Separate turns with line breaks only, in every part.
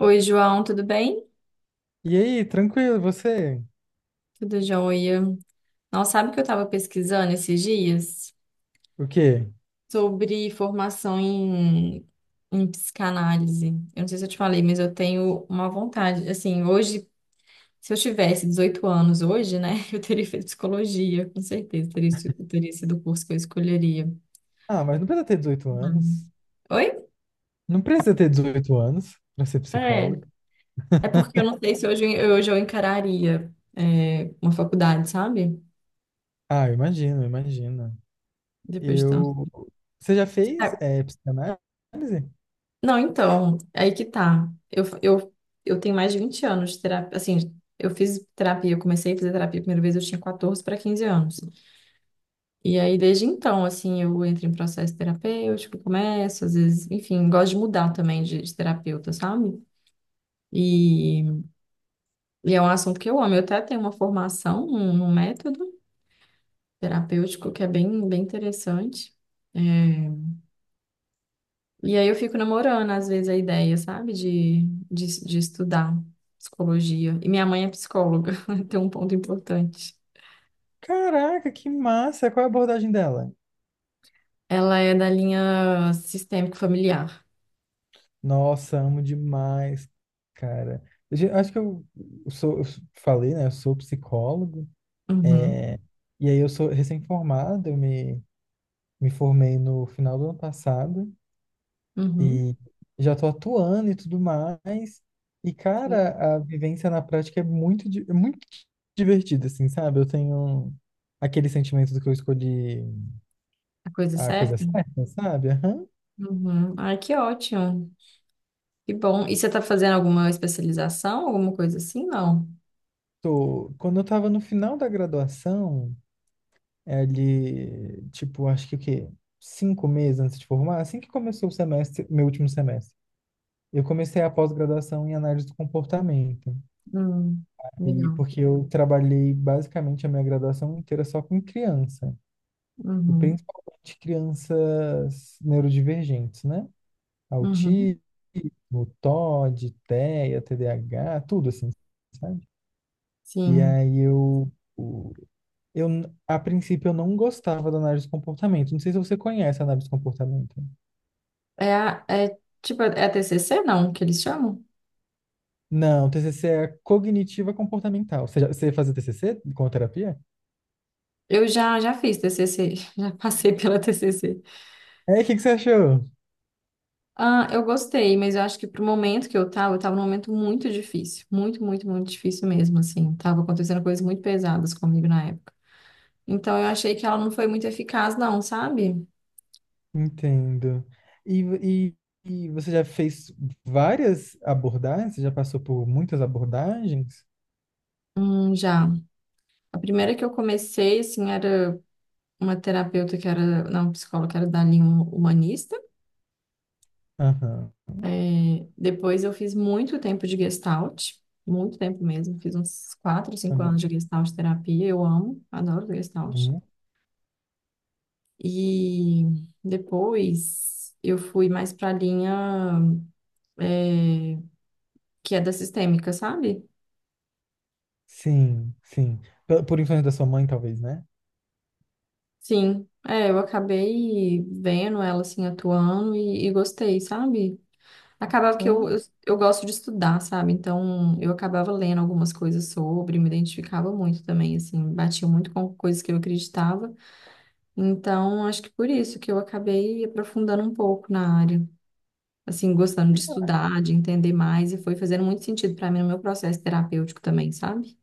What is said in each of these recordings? Oi, João, tudo bem?
E aí, tranquilo, você?
Tudo jóia. Não sabe que eu estava pesquisando esses dias
O quê?
sobre formação em psicanálise. Eu não sei se eu te falei, mas eu tenho uma vontade. Assim, hoje, se eu tivesse 18 anos hoje, né, eu teria feito psicologia, com certeza. Teria sido o curso que eu escolheria.
Ah, mas não precisa ter 18 anos.
Hum. Oi?
Não precisa ter 18 anos pra ser
É.
psicólogo.
É porque eu não sei se hoje, hoje eu encararia, uma faculdade, sabe?
Ah, eu imagino, eu imagino.
Depois de
Eu.
tanto.
Você já fez psicanálise?
Não, então, aí que tá. Eu tenho mais de 20 anos de terapia. Assim, eu fiz terapia, eu comecei a fazer terapia a primeira vez, eu tinha 14 para 15 anos. E aí, desde então, assim, eu entro em processo terapêutico, começo, às vezes, enfim, gosto de mudar também de terapeuta, sabe? E, e é um assunto que eu amo. Eu até tenho uma formação, um método terapêutico que é bem, bem interessante. É, e aí eu fico namorando, às vezes, a ideia, sabe, de estudar psicologia. E minha mãe é psicóloga, tem um ponto importante.
Caraca, que massa! Qual é a abordagem dela?
Ela é da linha sistêmico familiar.
Nossa, amo demais, cara. Acho que eu falei, né? Eu sou psicólogo.
Uhum,
é, E aí eu sou recém-formado, eu me formei no final do ano passado.
uhum.
E já tô atuando e tudo mais. E,
Sim.
cara, a vivência na prática é muito divertida, assim, sabe? Eu tenho aquele sentimento do que eu escolhi
A coisa é
a coisa
certa?
certa, sabe? Aham.
Uhum. Ai, que ótimo. Que bom. E você está fazendo alguma especialização, alguma coisa assim? Não.
Quando eu tava no final da graduação, é ali, tipo, acho que o quê? 5 meses antes de formar, assim que começou o semestre, meu último semestre. Eu comecei a pós-graduação em análise do comportamento.
Hum,
E
legal.
porque eu trabalhei basicamente a minha graduação inteira só com criança. E
Uhum,
principalmente crianças neurodivergentes, né?
uhum.
Autismo, TOD, TEA, TDAH, tudo assim, sabe? E
Sim.
aí o- eu, a princípio, eu não gostava da análise de comportamento. Não sei se você conhece a análise de comportamento.
É, é tipo, é TCC, não, que eles chamam?
Não, TCC é cognitiva comportamental. Você fazia TCC com terapia?
Já fiz TCC, já passei pela TCC.
É, o que você achou?
Ah, eu gostei, mas eu acho que pro momento que eu tava num momento muito difícil, muito, muito, muito difícil mesmo, assim. Tava acontecendo coisas muito pesadas comigo na época. Então eu achei que ela não foi muito eficaz, não, sabe?
Entendo. E, você já fez várias abordagens? Você já passou por muitas abordagens?
Já. A primeira que eu comecei, assim, era uma terapeuta que era, não, psicóloga, que era da linha humanista.
Aham,
É, depois eu fiz muito tempo de Gestalt, muito tempo mesmo, fiz uns 4, cinco anos
aham,
de Gestalt terapia, eu amo, adoro Gestalt.
uhum.
E depois eu fui mais para a linha é, que é da sistêmica, sabe?
Sim, sim. Por influência da sua mãe, talvez, né?
Sim, é, eu acabei vendo ela assim atuando e gostei, sabe? Acabava que
Ah,
eu gosto de estudar, sabe? Então eu acabava lendo algumas coisas sobre, me identificava muito também, assim, batia muito com coisas que eu acreditava. Então acho que por isso que eu acabei aprofundando um pouco na área, assim, gostando de estudar, de entender mais, e foi fazendo muito sentido para mim no meu processo terapêutico também, sabe?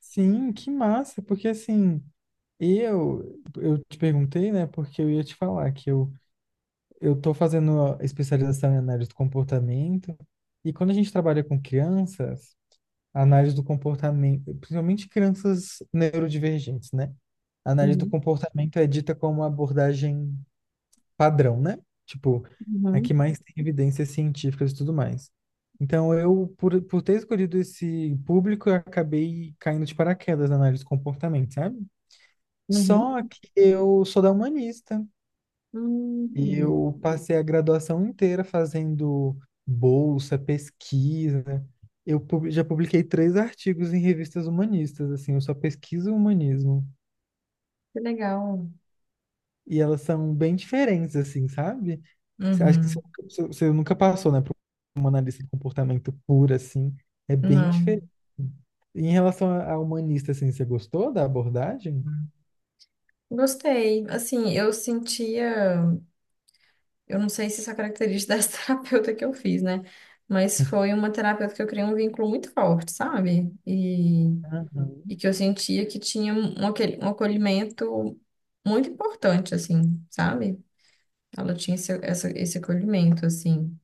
sim, que massa, porque assim, eu te perguntei, né, porque eu ia te falar que eu tô fazendo a especialização em análise do comportamento, e quando a gente trabalha com crianças, a análise do comportamento, principalmente crianças neurodivergentes, né? A análise do
Uhum,
comportamento é dita como uma abordagem padrão, né? Tipo, é que
uhum,
mais tem evidências científicas e tudo mais. Então, eu, por ter escolhido esse público, eu acabei caindo de paraquedas na análise do comportamento, sabe? Só
uhum.
que eu sou da humanista e
Hum,
eu passei a graduação inteira fazendo bolsa, pesquisa. Já publiquei 3 artigos em revistas humanistas, assim, eu só pesquiso o humanismo.
que legal.
E elas são bem diferentes, assim, sabe? Você acha que você,
Uhum.
você você nunca passou, né, por uma analista do comportamento pura, assim. É bem diferente.
Não.
Em relação à humanista, assim, você gostou da abordagem?
Gostei. Assim, eu sentia, eu não sei se isso é característica dessa terapeuta que eu fiz, né? Mas foi uma terapeuta que eu criei um vínculo muito forte, sabe? E
Aham,
que eu sentia que tinha um, aquele um acolhimento muito importante, assim, sabe? Ela tinha esse acolhimento, assim.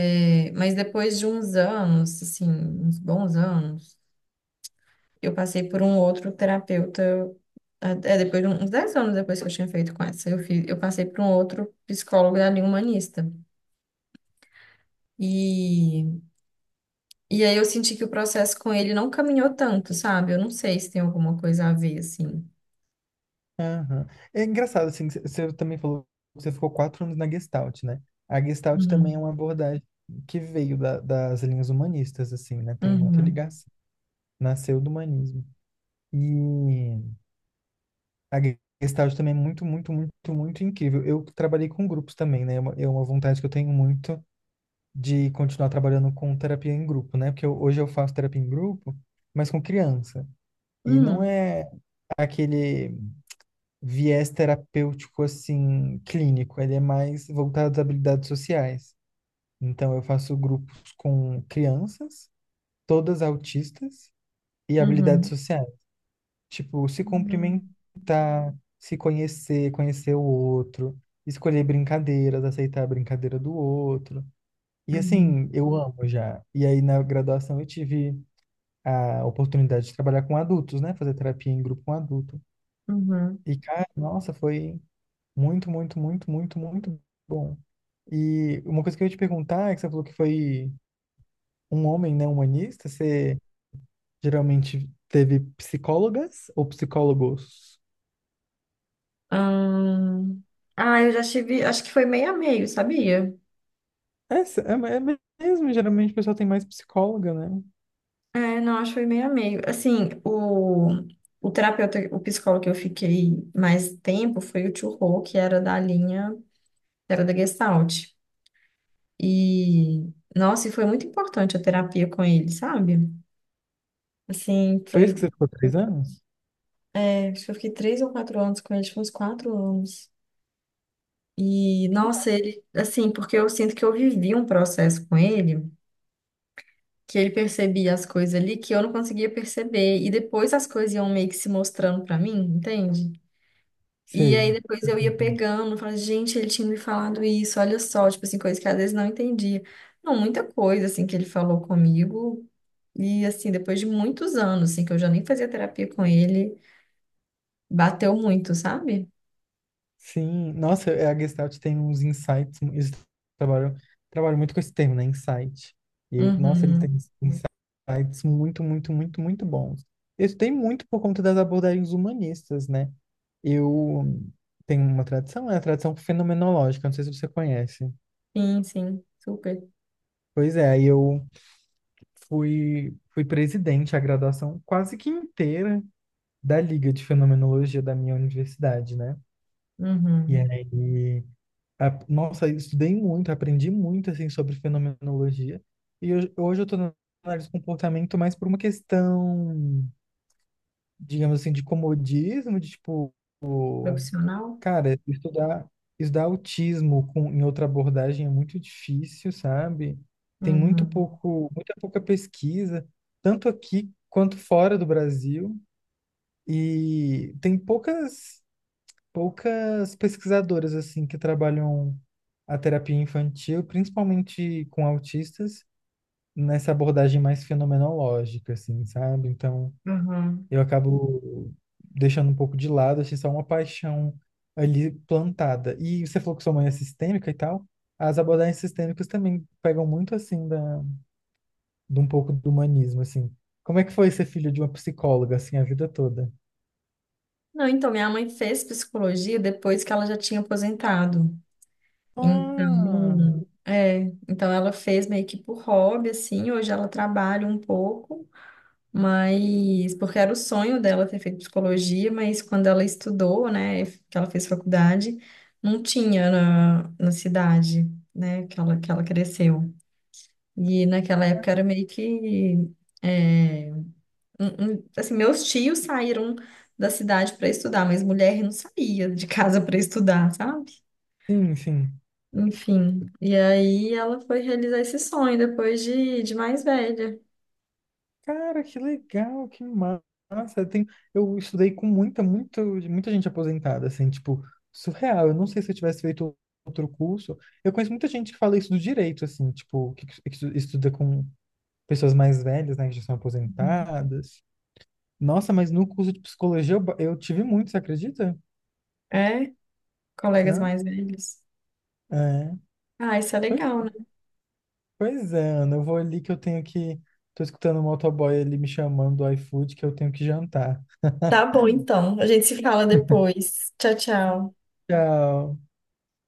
É, mas depois de uns anos, assim, uns bons anos, eu passei por um outro terapeuta, depois de uns 10 anos depois que eu tinha feito com essa, eu passei por um outro psicólogo da linha humanista. E, e aí eu senti que o processo com ele não caminhou tanto, sabe? Eu não sei se tem alguma coisa a ver, assim.
aham. É engraçado, assim, você também falou que você ficou 4 anos na Gestalt, né? A Gestalt também é
Uhum,
uma abordagem que veio das linhas humanistas, assim, né? Tem muita
uhum,
ligação. Nasceu do humanismo. E a Gestalt também é muito, muito, muito, muito incrível. Eu trabalhei com grupos também, né? É uma vontade que eu tenho muito de continuar trabalhando com terapia em grupo, né? Porque hoje eu faço terapia em grupo, mas com criança. E não
uhum,
é aquele viés terapêutico, assim, clínico. Ele é mais voltado às habilidades sociais. Então, eu faço grupos com crianças, todas autistas, e habilidades
uhum,
sociais. Tipo, se
uhum,
cumprimentar, se conhecer, conhecer o outro, escolher brincadeiras, aceitar a brincadeira do outro. E
uhum,
assim, eu amo já. E aí na graduação eu tive a oportunidade de trabalhar com adultos, né? Fazer terapia em grupo com adulto.
uhum.
E cara, nossa, foi muito, muito, muito, muito, muito bom. E uma coisa que eu ia te perguntar é que você falou que foi um homem, né, humanista, você geralmente teve psicólogas ou psicólogos?
Ahn, ah, eu já tive, acho que foi meio a meio, sabia?
É, é mesmo, geralmente o pessoal tem mais psicóloga, né?
É, não, acho que foi meio a meio. Assim, o terapeuta, o psicólogo que eu fiquei mais tempo foi o Tio Rô, que era da linha, era da Gestalt. E, nossa, e foi muito importante a terapia com ele, sabe? Assim,
Foi isso que
foi,
você ficou 3 anos?
é, acho que eu fiquei três ou quatro anos com ele, acho que uns quatro anos. E,
Cara,
nossa, ele, assim, porque eu sinto que eu vivi um processo com ele, que ele percebia as coisas ali que eu não conseguia perceber, e depois as coisas iam meio que se mostrando pra mim, entende? E aí
sei.
depois eu ia pegando, falando, gente, ele tinha me falado isso, olha só, tipo assim, coisa que às vezes não entendia. Não, muita coisa, assim, que ele falou comigo. E, assim, depois de muitos anos, assim, que eu já nem fazia terapia com ele, bateu muito, sabe?
Sim, nossa, a Gestalt tem uns insights, eles trabalham, trabalham muito com esse termo, né? Insight. E, nossa, ele tem
Uhum.
uns insights muito, muito, muito, muito bons. Isso tem muito por conta das abordagens humanistas, né? Eu tenho uma tradição, é a tradição fenomenológica, não sei se você conhece.
Sim, sim, super.
Pois é, aí eu fui presidente a graduação quase que inteira da Liga de Fenomenologia da minha universidade, né? E
Uhum.
aí, nossa, eu estudei muito, aprendi muito, assim, sobre fenomenologia. E hoje, hoje eu tô na análise do comportamento mais por uma questão, digamos assim, de comodismo, de tipo,
Profissional?
cara, estudar autismo em outra abordagem é muito difícil, sabe? Tem muito
Uhum.
pouco, muita pouca pesquisa, tanto aqui quanto fora do Brasil. E tem poucas pesquisadoras assim que trabalham a terapia infantil, principalmente com autistas, nessa abordagem mais fenomenológica, assim, sabe? Então,
Uhum.
eu acabo deixando um pouco de lado, achei só uma paixão ali plantada. E você falou que sua mãe é sistêmica e tal. As abordagens sistêmicas também pegam muito assim de um pouco do humanismo, assim. Como é que foi ser filho de uma psicóloga assim a vida toda?
Não, então, minha mãe fez psicologia depois que ela já tinha aposentado.
Ah,
Então, é, então ela fez meio que por hobby, assim, hoje ela trabalha um pouco, mas porque era o sonho dela ter feito psicologia, mas quando ela estudou, né, que ela fez faculdade, não tinha na cidade, né, que ela cresceu. E naquela época era meio que, é, um- assim, meus tios saíram da cidade para estudar, mas mulher não saía de casa para estudar, sabe?
sim, sim.
Enfim, e aí ela foi realizar esse sonho de mais velha.
Cara, que legal, que massa. Tem, eu estudei com muita, muita, muita gente aposentada, assim, tipo, surreal. Eu não sei se eu tivesse feito outro curso. Eu conheço muita gente que fala isso do direito, assim, tipo, que estuda com pessoas mais velhas, né, que já são aposentadas. Nossa, mas no curso de psicologia eu tive muito, você acredita?
É, colegas
Hã?
mais velhos.
É.
Ah, isso é
Pois,
legal, né?
pois é, Ana, eu vou ali que eu tenho que. Tô escutando o motoboy ali me chamando do iFood que eu tenho que jantar.
Tá bom, então. A gente se fala depois. Tchau, tchau.
Tchau.